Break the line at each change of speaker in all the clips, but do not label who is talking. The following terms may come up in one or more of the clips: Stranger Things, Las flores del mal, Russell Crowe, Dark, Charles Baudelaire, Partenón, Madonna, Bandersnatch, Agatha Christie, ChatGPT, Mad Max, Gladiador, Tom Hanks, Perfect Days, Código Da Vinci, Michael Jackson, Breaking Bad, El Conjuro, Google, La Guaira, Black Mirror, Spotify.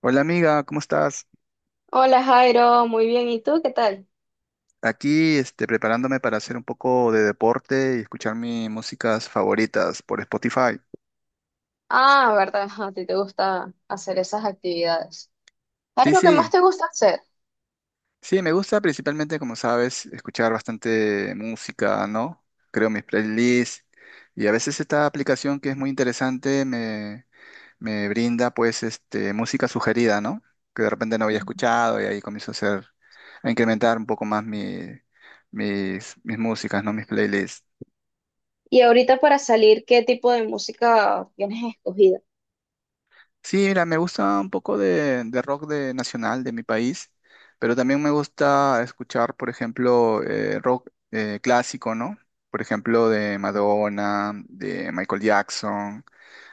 Hola amiga, ¿cómo estás?
Hola Jairo, muy bien. ¿Y tú qué tal?
Aquí preparándome para hacer un poco de deporte y escuchar mis músicas favoritas por Spotify.
Ah, verdad, a ti te gusta hacer esas actividades.
Sí,
Jairo, ¿qué más
sí,
te gusta hacer?
sí, me gusta principalmente, como sabes, escuchar bastante música, ¿no? Creo mis playlists y a veces esta aplicación que es muy interesante me brinda pues música sugerida, ¿no? Que de repente no había escuchado y ahí comienzo a incrementar un poco más mis músicas, ¿no? Mis playlists.
Y ahorita para salir, ¿qué tipo de música tienes escogida?
Sí, mira, me gusta un poco de rock de nacional de mi país, pero también me gusta escuchar, por ejemplo, rock clásico, ¿no? Por ejemplo, de Madonna, de Michael Jackson,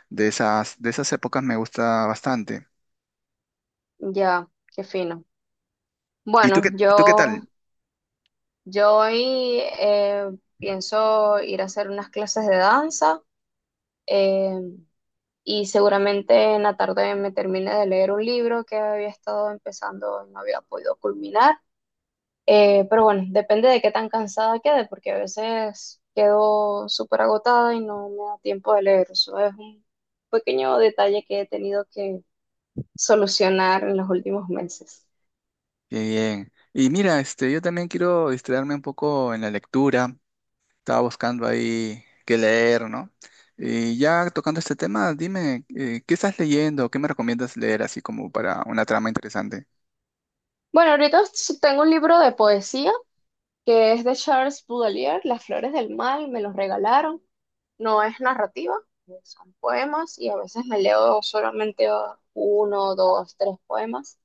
de esas épocas me gusta bastante.
Ya, qué fino.
¿Y tú
Bueno,
qué, y tú qué tal?
yo hoy pienso ir a hacer unas clases de danza, eh, y seguramente en la tarde me termine de leer un libro que había estado empezando y no había podido culminar. Pero bueno, depende de qué tan cansada quede, porque a veces quedo súper agotada y no me da tiempo de leer. Eso es un pequeño detalle que he tenido que solucionar en los últimos meses.
Bien, bien. Y mira, yo también quiero distraerme un poco en la lectura. Estaba buscando ahí qué leer, ¿no? Y ya tocando este tema, dime, ¿qué estás leyendo? ¿Qué me recomiendas leer así como para una trama interesante?
Bueno, ahorita tengo un libro de poesía que es de Charles Baudelaire, Las flores del mal, me los regalaron. No es narrativa, son poemas y a veces me leo solamente uno, dos, tres poemas.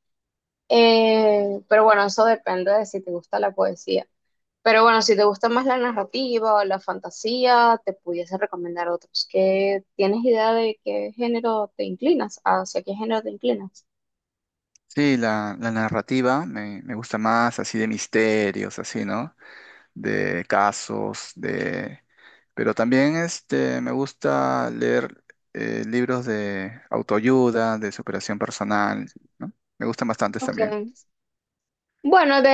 Pero bueno, eso depende de si te gusta la poesía. Pero bueno, si te gusta más la narrativa o la fantasía, te pudiese recomendar otros. ¿Qué, tienes idea de qué género te inclinas? ¿Hacia qué género te inclinas?
Sí, la narrativa me gusta más, así de misterios, así, ¿no? De casos. Pero también me gusta leer libros de autoayuda, de superación personal, ¿no? Me gustan bastantes también.
Okay. Bueno, de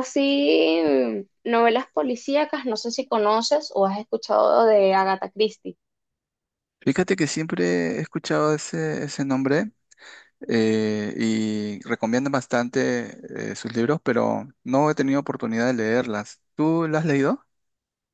así novelas policíacas, no sé si conoces o has escuchado de Agatha Christie.
Fíjate que siempre he escuchado ese nombre, y recomiendan bastante sus libros, pero no he tenido oportunidad de leerlas. ¿Tú las has leído?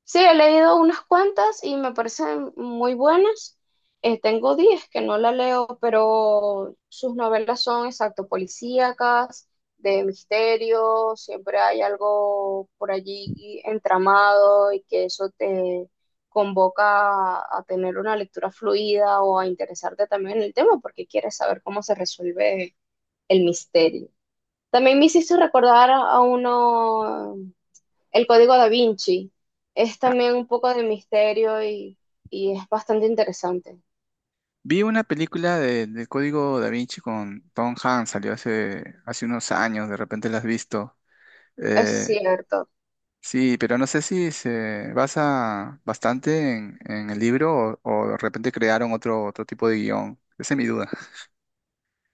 Sí, he leído unas cuantas y me parecen muy buenas. Tengo 10 que no la leo, pero sus novelas son exacto policíacas, de misterio, siempre hay algo por allí entramado y que eso te convoca a tener una lectura fluida o a interesarte también en el tema porque quieres saber cómo se resuelve el misterio. También me hiciste recordar a uno, el Código Da Vinci es
Ah,
también un poco de misterio y es bastante interesante.
vi una película del Código Da Vinci con Tom Hanks, salió hace unos años, de repente la has visto.
Es
Eh,
cierto.
sí, pero no sé si se basa bastante en el libro o de repente crearon otro tipo de guión. Esa es mi duda.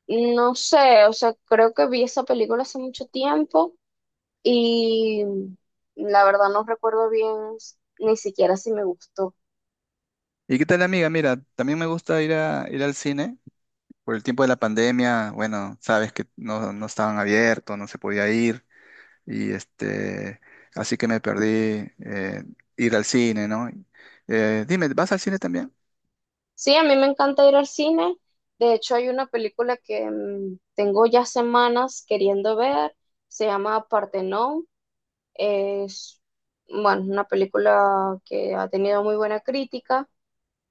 No sé, o sea, creo que vi esa película hace mucho tiempo y la verdad no recuerdo bien ni siquiera si me gustó.
¿Y qué tal, amiga? Mira, también me gusta ir al cine. Por el tiempo de la pandemia, bueno, sabes que no, no estaban abiertos, no se podía ir, y así que me perdí eh, ir al cine, ¿no? Dime, ¿vas al cine también?
Sí, a mí me encanta ir al cine. De hecho, hay una película que, tengo ya semanas queriendo ver. Se llama Partenón. Es, bueno, una película que ha tenido muy buena crítica.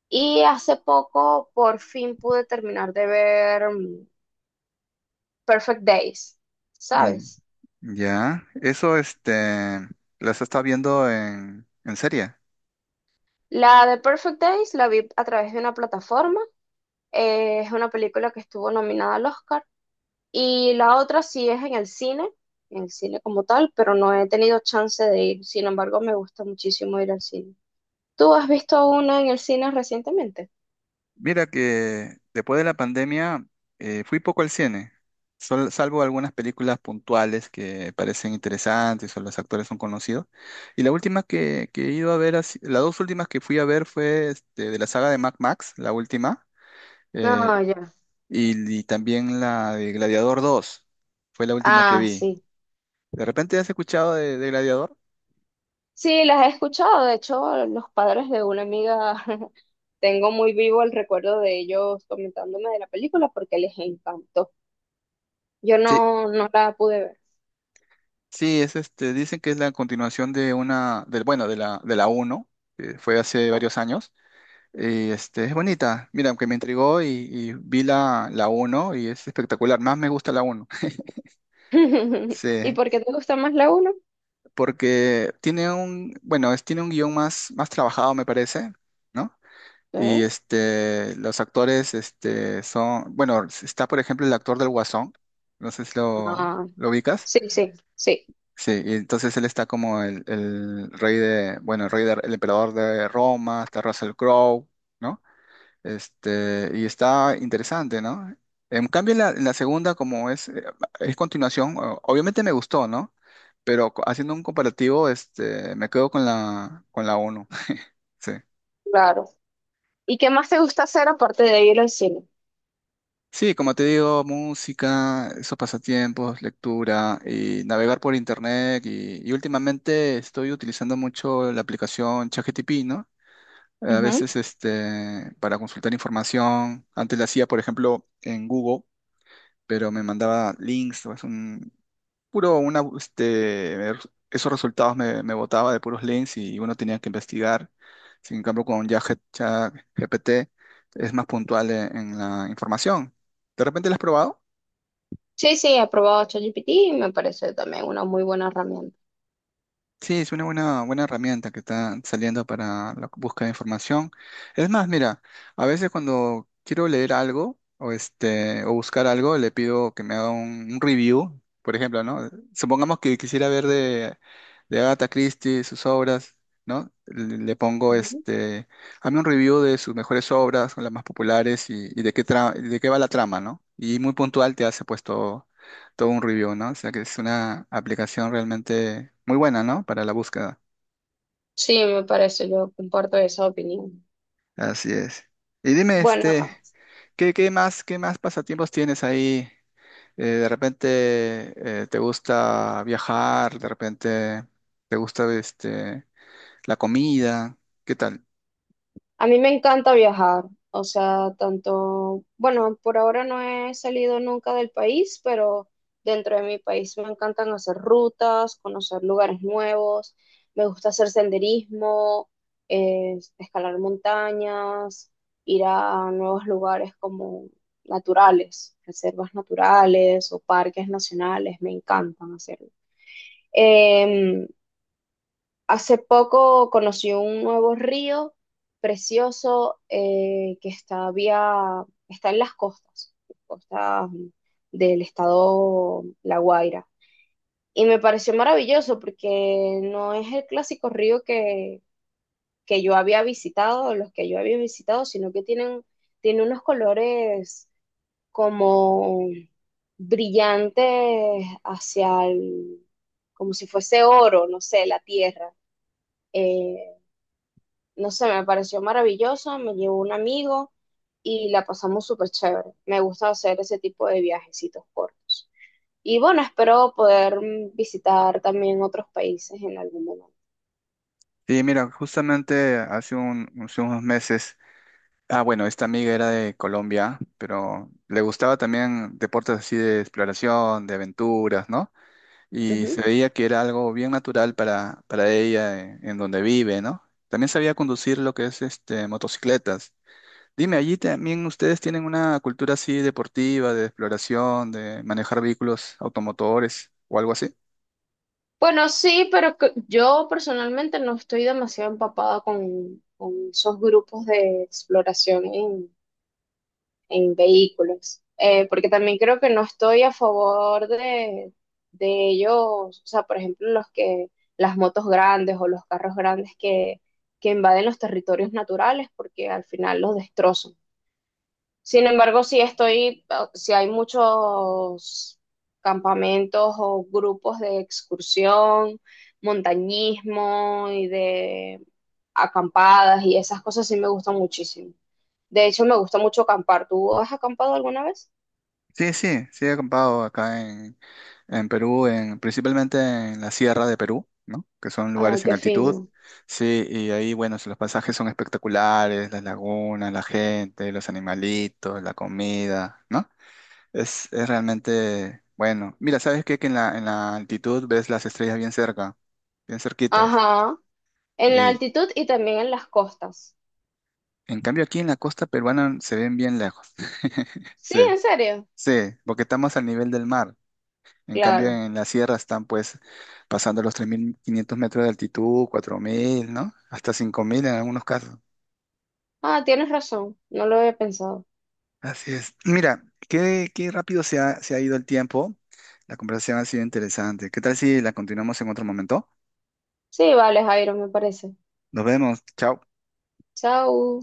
Y hace poco por fin pude terminar de ver, Perfect Days,
Mm,
¿sabes?
ya, eso, ¿las estás viendo en serie?
La de Perfect Days la vi a través de una plataforma, es una película que estuvo nominada al Oscar, y la otra sí es en el cine como tal, pero no he tenido chance de ir, sin embargo me gusta muchísimo ir al cine. ¿Tú has visto una en el cine recientemente?
Mira que después de la pandemia fui poco al cine, salvo algunas películas puntuales que parecen interesantes o los actores son conocidos. Y la última que he ido a ver, ha si- las dos últimas que fui a ver fue de la saga de Mad Max, la última, eh,
No, ya.
y también la de Gladiador dos, fue la última que
Ah,
vi.
sí.
¿De repente has escuchado de Gladiador?
Sí, las he escuchado. De hecho, los padres de una amiga, tengo muy vivo el recuerdo de ellos comentándome de la película porque les encantó. Yo
Sí,
no la pude ver.
sí, dicen que es la continuación bueno, de la uno, que fue hace varios años. Y es bonita. Mira, aunque me intrigó y vi la uno y es espectacular. Más me gusta la uno.
¿Y
Sí,
por qué te gusta más la 1?
porque tiene un, bueno, es, tiene un guión más, trabajado, me parece, ¿no? Y los actores son, bueno, está por ejemplo el actor del Guasón. No sé si lo,
Ah,
lo ubicas.
sí, sí, sí,
Sí, y entonces él está como bueno, el emperador de Roma, está Russell Crowe. ¿No? Y está interesante, ¿no? En cambio, en la segunda, como es continuación, obviamente me gustó, ¿no? Pero haciendo un comparativo, me quedo con la uno. Sí.
claro. ¿Y qué más te gusta hacer aparte de ir al cine?
Sí, como te digo, música, esos pasatiempos, lectura y navegar por internet. Y últimamente estoy utilizando mucho la aplicación ChatGPT, ¿no? A
Ujú.
veces para consultar información. Antes la hacía, por ejemplo, en Google, pero me mandaba links, puro una, este, er- esos resultados me botaba de puros links y uno tenía que investigar. Sin cambio, con ChatGPT es más puntual en la información. ¿De repente lo has probado?
Sí, sí, he probado ChatGPT y me parece también una muy buena herramienta.
Sí, es una buena, buena herramienta que está saliendo para la búsqueda de información. Es más, mira, a veces cuando quiero leer algo o, o buscar algo, le pido que me haga un review, por ejemplo, ¿no? Supongamos que quisiera ver de Agatha Christie sus obras, ¿no? Le pongo, hazme un review de sus mejores obras, o las más populares y de qué va la trama, ¿no? Y muy puntual te hace puesto todo un review, ¿no? O sea que es una aplicación realmente muy buena, ¿no? Para la búsqueda.
Sí, me parece, yo comparto esa opinión.
Así es. Y dime,
Bueno,
¿qué más pasatiempos tienes ahí? De repente te gusta viajar, de repente te gusta la comida, ¿qué tal?
a mí me encanta viajar, o sea, tanto, bueno, por ahora no he salido nunca del país, pero dentro de mi país me encantan hacer rutas, conocer lugares nuevos, me gusta hacer senderismo, escalar montañas, ir a nuevos lugares como naturales, reservas naturales o parques nacionales, me encantan hacerlo. Em, Hace poco conocí un nuevo río precioso que está, está en las costas, costas del estado La Guaira. Y me pareció maravilloso porque no es el clásico río que yo había visitado, los que yo había visitado, sino que tiene unos colores como brillantes hacia el, como si fuese oro, no sé, la tierra. Eh, no sé, me pareció maravilloso, me llevó un amigo y la pasamos súper chévere. Me gusta hacer ese tipo de viajecitos cortos. Y bueno, espero poder visitar también otros países en algún momento.
Sí, mira, justamente hace unos meses, ah, bueno, esta amiga era de Colombia, pero le gustaba también deportes así de exploración, de aventuras, ¿no? Y se
Ujú.
veía que era algo bien natural para ella en donde vive, ¿no? También sabía conducir lo que es motocicletas. Dime, allí también ustedes tienen una cultura así deportiva, de exploración, de manejar vehículos automotores o algo así.
Bueno, sí, pero yo personalmente no estoy demasiado empapada con esos grupos de exploración en vehículos, porque también creo que no estoy a favor de ellos, o sea, por ejemplo, los que, las motos grandes o los carros grandes que invaden los territorios naturales, porque al final los destrozan. Sin embargo, si hay muchos campamentos o grupos de excursión, montañismo y de acampadas y esas cosas sí me gustan muchísimo. De hecho, me gusta mucho acampar. ¿Tú has acampado alguna vez?
Sí, sí, sí he acampado acá en Perú, principalmente en la sierra de Perú, ¿no? Que son
Ay,
lugares en
qué
altitud.
fino.
Sí, y ahí, bueno, los pasajes son espectaculares, las lagunas, la gente, los animalitos, la comida, ¿no? Es realmente bueno. Mira, ¿sabes qué? Que en la altitud ves las estrellas bien cerca, bien cerquitas.
Ajá. En la
Y
altitud y también en las costas.
en cambio aquí en la costa peruana se ven bien lejos.
Sí,
Sí,
en serio.
sí, porque estamos al nivel del mar. En cambio
Claro.
en la sierra están pues pasando los 3.500 metros de altitud, 4.000, ¿no? Hasta 5.000 en algunos casos.
Ah, tienes razón. No lo había pensado.
Así es. Mira, qué rápido se ha ido el tiempo. La conversación ha sido interesante. ¿Qué tal si la continuamos en otro momento?
Sí, vale, Jairo, me parece.
Nos vemos. Chao.
Chao.